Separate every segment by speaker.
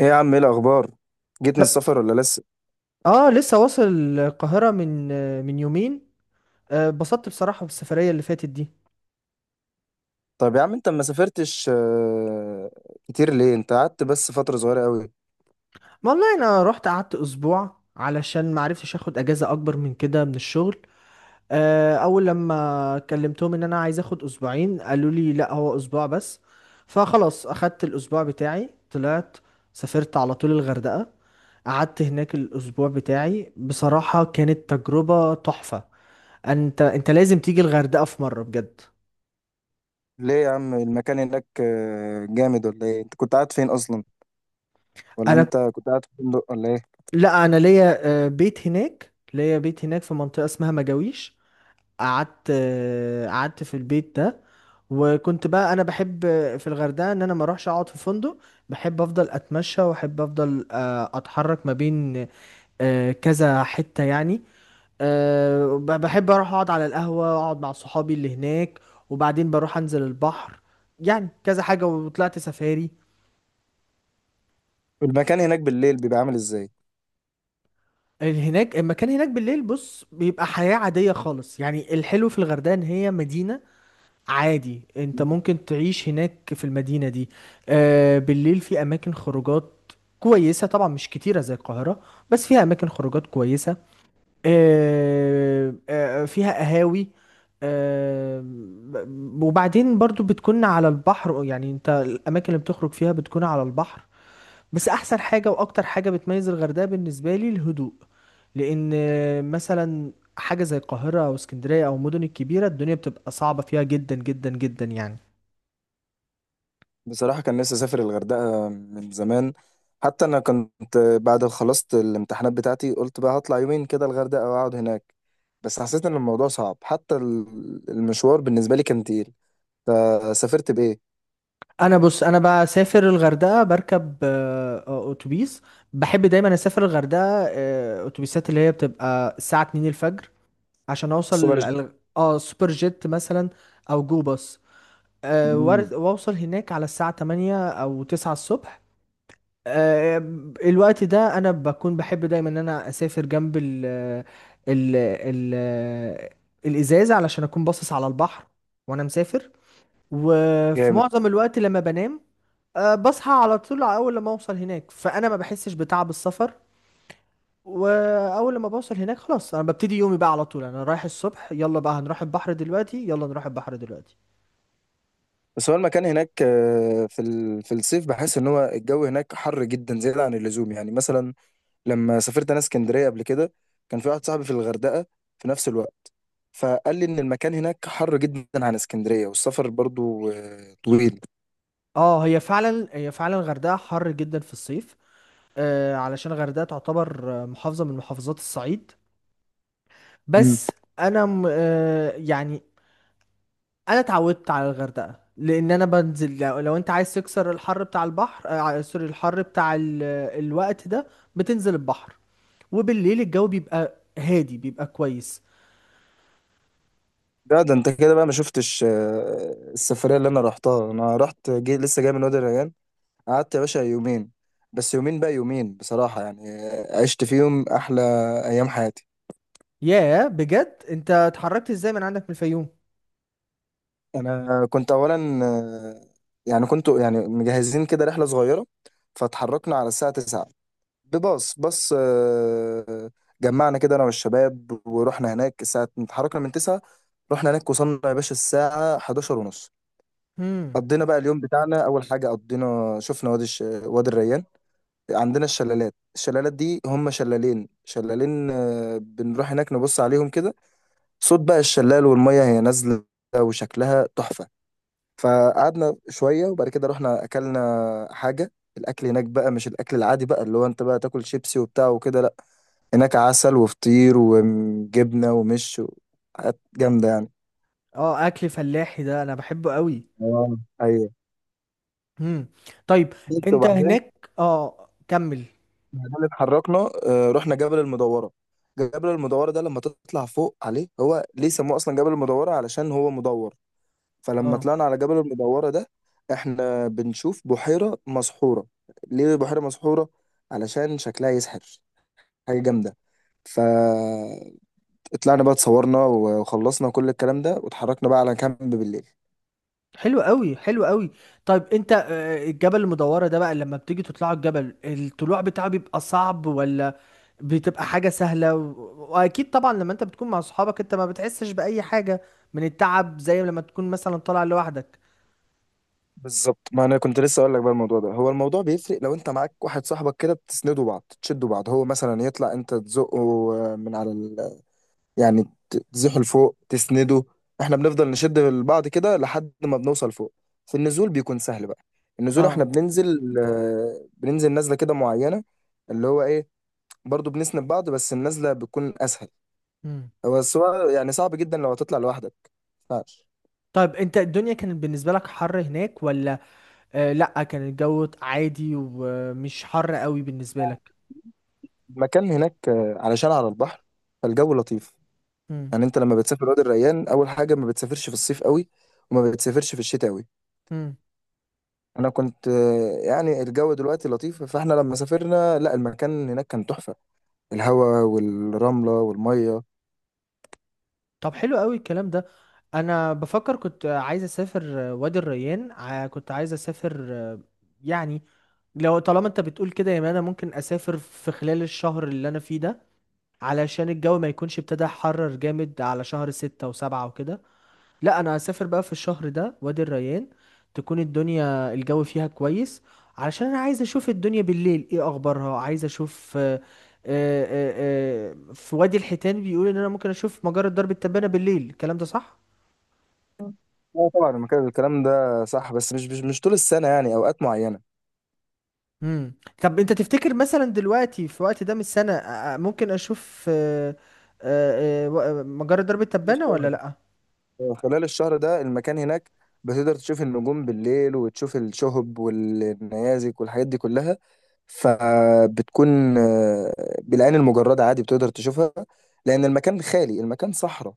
Speaker 1: ايه يا عم، ايه الاخبار؟ جيت من السفر ولا لسه؟
Speaker 2: اه لسه واصل القاهرة من يومين. اتبسطت بصراحة بالسفرية اللي فاتت دي.
Speaker 1: طب يا عم انت ما سافرتش كتير ليه؟ انت قعدت بس فتره صغيره قوي.
Speaker 2: ما والله انا رحت قعدت اسبوع علشان ما عرفتش اخد اجازة اكبر من كده من الشغل. اول لما كلمتهم ان انا عايز اخد اسبوعين قالوا لي لا هو اسبوع بس. فخلاص اخدت الاسبوع بتاعي طلعت سافرت على طول الغردقة. قعدت هناك الاسبوع بتاعي، بصراحة كانت تجربة تحفة. انت لازم تيجي الغردقة في مرة بجد.
Speaker 1: ليه يا عم؟ المكان هناك جامد ولا ايه؟ انت كنت قاعد فين اصلا؟ ولا
Speaker 2: انا
Speaker 1: انت كنت قاعد في فندق ولا ايه؟
Speaker 2: لا انا ليا بيت هناك، في منطقة اسمها مجاويش. قعدت، قعدت في البيت ده. وكنت بقى انا بحب في الغردقة ان انا ما اروحش اقعد في فندق. بحب افضل اتمشى، واحب افضل اتحرك ما بين كذا حتة يعني. بحب اروح اقعد على القهوة، اقعد مع صحابي اللي هناك، وبعدين بروح انزل البحر، يعني كذا حاجة. وطلعت سفاري.
Speaker 1: المكان هناك بالليل بيبقى عامل ازاي؟
Speaker 2: المكان هناك بالليل، بص، بيبقى حياة عادية خالص. يعني الحلو في الغردقة ان هي مدينة، عادي انت ممكن تعيش هناك في المدينة دي. آه، بالليل في اماكن خروجات كويسة، طبعا مش كتيرة زي القاهرة، بس فيها اماكن خروجات كويسة. فيها قهاوي. وبعدين برضو بتكون على البحر. يعني انت الاماكن اللي بتخرج فيها بتكون على البحر. بس احسن حاجه واكتر حاجه بتميز الغردقه بالنسبه لي الهدوء. لان مثلا حاجه زي القاهره او اسكندريه او المدن الكبيره الدنيا بتبقى صعبه فيها جدا جدا جدا يعني.
Speaker 1: بصراحه كان نفسي اسافر الغردقه من زمان. حتى انا كنت بعد ما خلصت الامتحانات بتاعتي قلت بقى هطلع يومين كده الغردقه واقعد هناك، بس حسيت ان الموضوع صعب، حتى المشوار بالنسبه لي كان تقيل. فسافرت بايه؟
Speaker 2: انا بص، انا بسافر الغردقه بركب اتوبيس. بحب دايما اسافر الغردقه اتوبيسات اللي هي بتبقى الساعه 2 الفجر، عشان اوصل
Speaker 1: السوبر جيت.
Speaker 2: سوبر جيت مثلا، او جو باص.
Speaker 1: مم.
Speaker 2: واوصل هناك على الساعه 8 او 9 الصبح. آه، الوقت ده انا بكون بحب دايما ان انا اسافر جنب ال الازازه، علشان اكون باصص على البحر وانا مسافر. وفي
Speaker 1: جامد.
Speaker 2: معظم الوقت لما بنام بصحى على طول اول لما اوصل هناك، فانا ما بحسش بتعب السفر. واول لما بوصل هناك خلاص انا ببتدي يومي بقى على طول، انا رايح الصبح، يلا بقى هنروح البحر دلوقتي، يلا نروح البحر دلوقتي.
Speaker 1: بس هو المكان هناك في في الصيف بحس ان هو الجو هناك حر جدا زياده عن اللزوم، يعني مثلا لما سافرت انا اسكندريه قبل كده، كان في واحد صاحبي في الغردقه في نفس الوقت، فقال لي ان المكان هناك حر جدا عن اسكندريه، والسفر برضو طويل.
Speaker 2: اه، هي فعلا الغردقه حر جدا في الصيف. علشان الغردقة تعتبر محافظة من محافظات الصعيد.
Speaker 1: مم.
Speaker 2: بس أنا م- آه، يعني أنا اتعودت على الغردقة. لأن أنا بنزل، لو أنت عايز تكسر الحر بتاع البحر، آه، ع- سوري الحر بتاع الوقت ده، بتنزل البحر. وبالليل الجو بيبقى هادي بيبقى كويس.
Speaker 1: ده انت كده بقى ما شفتش السفريه اللي انا رحتها. انا رحت جي، لسه جاي من وادي الريان. قعدت يا باشا يومين، بس يومين بقى، يومين بصراحه يعني عشت فيهم احلى ايام حياتي.
Speaker 2: ياه بجد، أنت اتحركت إزاي من عندك من الفيوم؟
Speaker 1: انا كنت اولا يعني كنت يعني مجهزين كده رحله صغيره، فتحركنا على الساعه 9، بباص جمعنا كده انا والشباب ورحنا هناك. الساعه اتحركنا من 9، رحنا هناك، وصلنا يا باشا الساعه 11 ونص.
Speaker 2: هم.
Speaker 1: قضينا بقى اليوم بتاعنا، اول حاجه قضينا شفنا وادي الريان. عندنا الشلالات، الشلالات دي هم شلالين، شلالين، بنروح هناك نبص عليهم كده، صوت بقى الشلال والميه هي نازله وشكلها تحفه. فقعدنا شويه وبعد كده رحنا اكلنا حاجه. الاكل هناك بقى مش الاكل العادي بقى اللي هو انت بقى تاكل شيبسي وبتاع وكده، لا. هناك عسل وفطير وجبنه و حاجات جامده يعني.
Speaker 2: اه، أكل فلاحي ده أنا بحبه قوي.
Speaker 1: اه، ايوه.
Speaker 2: هم. طيب،
Speaker 1: بس
Speaker 2: أنت
Speaker 1: وبعدين،
Speaker 2: هناك، اه، كمل.
Speaker 1: بعدين اتحركنا. رحنا جبل المدوره. جبل المدوره ده لما تطلع فوق عليه، هو ليه سموه اصلا جبل المدوره؟ علشان هو مدور. فلما
Speaker 2: آه.
Speaker 1: طلعنا على جبل المدوره ده، احنا بنشوف بحيره مسحوره. ليه بحيره مسحوره؟ علشان شكلها يسحر. حاجه جامده. فطلعنا بقى، اتصورنا وخلصنا كل الكلام ده واتحركنا بقى على كامب بالليل.
Speaker 2: حلو قوي حلو قوي. طيب انت، الجبل المدورة ده بقى لما بتيجي تطلعوا الجبل، الطلوع بتاعه بيبقى صعب ولا بتبقى حاجة سهلة؟ واكيد طبعا لما انت بتكون مع صحابك انت ما بتحسش بأي حاجة من التعب زي لما تكون مثلا طالع لوحدك.
Speaker 1: بالظبط، ما انا كنت لسه اقول لك بقى، الموضوع ده هو الموضوع بيفرق لو انت معاك واحد صاحبك كده، بتسندوا بعض، تشدوا بعض، هو مثلا يطلع انت تزقه من على يعني تزحه لفوق، تسنده. احنا بنفضل نشد بعض كده لحد ما بنوصل فوق. في النزول بيكون سهل بقى. النزول
Speaker 2: اه.
Speaker 1: احنا بننزل، بننزل نزله كده معينه، اللي هو ايه، برضو بنسند بعض، بس النزله بتكون اسهل.
Speaker 2: مم.
Speaker 1: بس هو يعني صعب جدا لو هتطلع لوحدك، ما ينفعش.
Speaker 2: طيب انت الدنيا كانت بالنسبة لك حر هناك ولا؟ آه لا، كان الجو عادي ومش حر قوي بالنسبة لك.
Speaker 1: المكان هناك علشان على البحر فالجو لطيف.
Speaker 2: مم.
Speaker 1: يعني انت لما بتسافر وادي الريان، اول حاجه ما بتسافرش في الصيف قوي، وما بتسافرش في الشتاء قوي.
Speaker 2: مم.
Speaker 1: انا كنت يعني الجو دلوقتي لطيف، فاحنا لما سافرنا لا، المكان هناك كان تحفه. الهواء والرمله والميه.
Speaker 2: طب حلو قوي الكلام ده. انا بفكر، كنت عايز اسافر وادي الريان، ع- كنت عايز اسافر يعني لو طالما انت بتقول كده يا مان، انا ممكن اسافر في خلال الشهر اللي انا فيه ده، علشان الجو ما يكونش ابتدى حرر جامد على شهر ستة وسبعة وكده. لا، انا هسافر بقى في الشهر ده وادي الريان، تكون الدنيا الجو فيها كويس. علشان انا عايز اشوف الدنيا بالليل ايه اخبارها. عايز اشوف، آه، في وادي الحيتان بيقول ان انا ممكن اشوف مجرة درب التبانة بالليل، الكلام ده صح؟
Speaker 1: اه طبعا المكان، الكلام ده صح، بس مش مش طول السنه، يعني اوقات
Speaker 2: امم طب انت تفتكر مثلا دلوقتي في وقت ده من السنة ممكن اشوف مجرة درب التبانة ولا
Speaker 1: معينه.
Speaker 2: لا؟
Speaker 1: خلال الشهر ده المكان هناك بتقدر تشوف النجوم بالليل، وتشوف الشهب والنيازك والحاجات دي كلها. فبتكون بالعين المجردة عادي بتقدر تشوفها، لأن المكان خالي، المكان صحراء.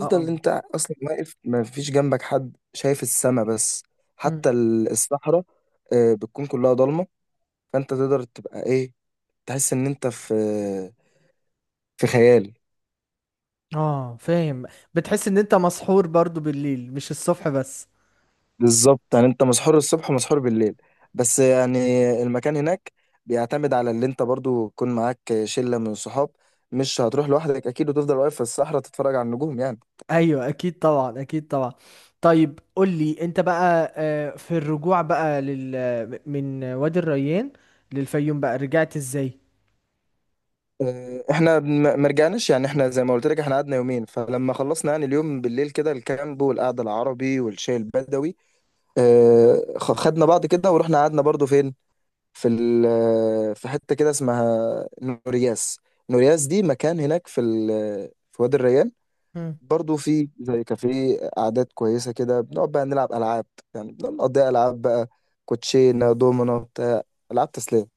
Speaker 2: اه اه.
Speaker 1: انت اصلا واقف ما فيش جنبك حد، شايف السما بس.
Speaker 2: مم.
Speaker 1: حتى الصحراء بتكون كلها ضلمة. فانت تقدر تبقى ايه، تحس ان انت في في خيال.
Speaker 2: اه فاهم. بتحس ان انت مسحور برضو بالليل مش الصبح بس.
Speaker 1: بالظبط، يعني انت مسحور الصبح ومسحور بالليل، بس يعني المكان هناك بيعتمد على اللي انت برضو تكون معاك شلة من الصحاب. مش هتروح لوحدك اكيد وتفضل واقف في الصحراء تتفرج على النجوم يعني.
Speaker 2: ايوه اكيد طبعا اكيد طبعا. طيب قول لي انت بقى، في الرجوع بقى من وادي الريان للفيوم بقى، رجعت ازاي؟
Speaker 1: اه، احنا ما رجعناش، يعني احنا زي ما قلت لك، احنا قعدنا يومين، فلما خلصنا يعني اليوم بالليل كده الكامب والقعدة العربي والشاي البدوي، اه، خدنا بعض كده ورحنا قعدنا برضو فين، في في حتة كده اسمها نورياس. نورياس دي مكان هناك في في وادي الريان برضو، في زي كافيه، قعدات كويسة كده، بنقعد بقى نلعب ألعاب، يعني بنقعد نقضيها ألعاب بقى، كوتشينة، دومينو، بتاع، ألعاب تسلية.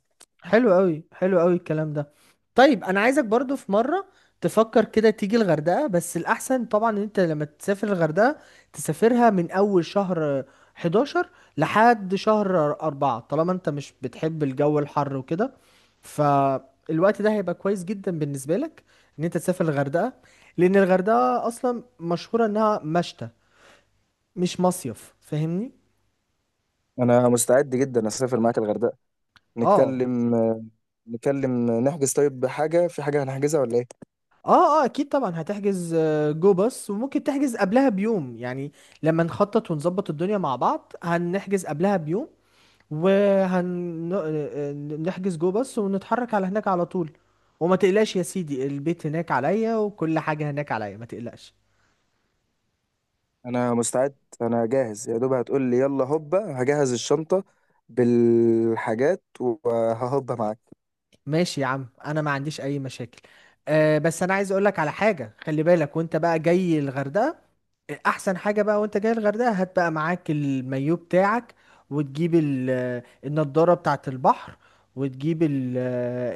Speaker 2: حلو قوي حلو قوي الكلام ده. طيب انا عايزك برضو في مره تفكر كده تيجي الغردقه، بس الاحسن طبعا ان انت لما تسافر الغردقه تسافرها من اول شهر 11 لحد شهر 4، طالما انت مش بتحب الجو الحر وكده. فالوقت ده هيبقى كويس جدا بالنسبه لك ان انت تسافر الغردقه، لان الغردقه اصلا مشهوره انها مشتى مش مصيف، فاهمني؟
Speaker 1: أنا مستعد جدا أسافر معاك الغردقة.
Speaker 2: اه
Speaker 1: نتكلم نتكلم نحجز. طيب حاجة في حاجة هنحجزها ولا إيه؟
Speaker 2: اه، اه اكيد طبعا هتحجز جو باص، وممكن تحجز قبلها بيوم يعني. لما نخطط ونظبط الدنيا مع بعض هنحجز قبلها بيوم، وهنحجز جو باص، ونتحرك على هناك على طول. وما تقلقش يا سيدي، البيت هناك عليا وكل حاجة هناك عليا، ما تقلقش.
Speaker 1: أنا مستعد، أنا جاهز، يا دوب هتقول لي يلا هوبا، هجهز الشنطة بالحاجات وههوبا معاك.
Speaker 2: ماشي يا عم، انا ما عنديش اي مشاكل. أه بس انا عايز اقولك على حاجة، خلي بالك وانت بقى جاي الغردقة. احسن حاجه بقى وانت جاي الغردقه هات بقى معاك المايو بتاعك، وتجيب النضاره بتاعه البحر، وتجيب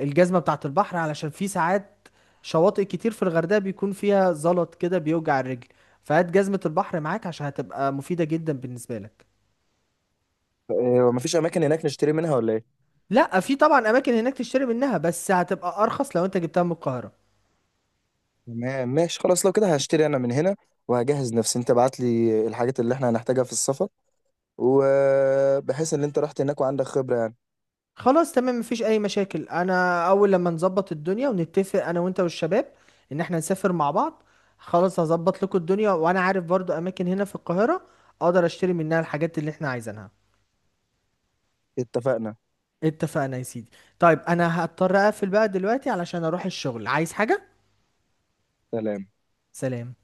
Speaker 2: الجزمه بتاعه البحر، علشان في ساعات شواطئ كتير في الغردقه بيكون فيها زلط كده بيوجع الرجل. فهات جزمه البحر معاك، عشان هتبقى مفيده جدا بالنسبه لك.
Speaker 1: إيه، ومفيش أماكن هناك نشتري منها ولا إيه؟
Speaker 2: لا، في طبعا اماكن هناك تشتري منها، بس هتبقى ارخص لو انت جبتها من القاهره.
Speaker 1: تمام، ماشي، خلاص لو كده هشتري انا من هنا، وهجهز نفسي. انت بعت لي الحاجات اللي احنا هنحتاجها في السفر، وبحيث ان انت رحت هناك وعندك خبرة يعني.
Speaker 2: خلاص تمام، مفيش اي مشاكل. انا اول لما نظبط الدنيا ونتفق انا وانت والشباب ان احنا نسافر مع بعض، خلاص هظبط لكم الدنيا. وانا عارف برضو اماكن هنا في القاهرة اقدر اشتري منها الحاجات اللي احنا عايزينها.
Speaker 1: اتفقنا.
Speaker 2: اتفقنا يا سيدي. طيب انا هضطر اقفل بقى دلوقتي علشان اروح الشغل، عايز حاجة؟
Speaker 1: سلام.
Speaker 2: سلام.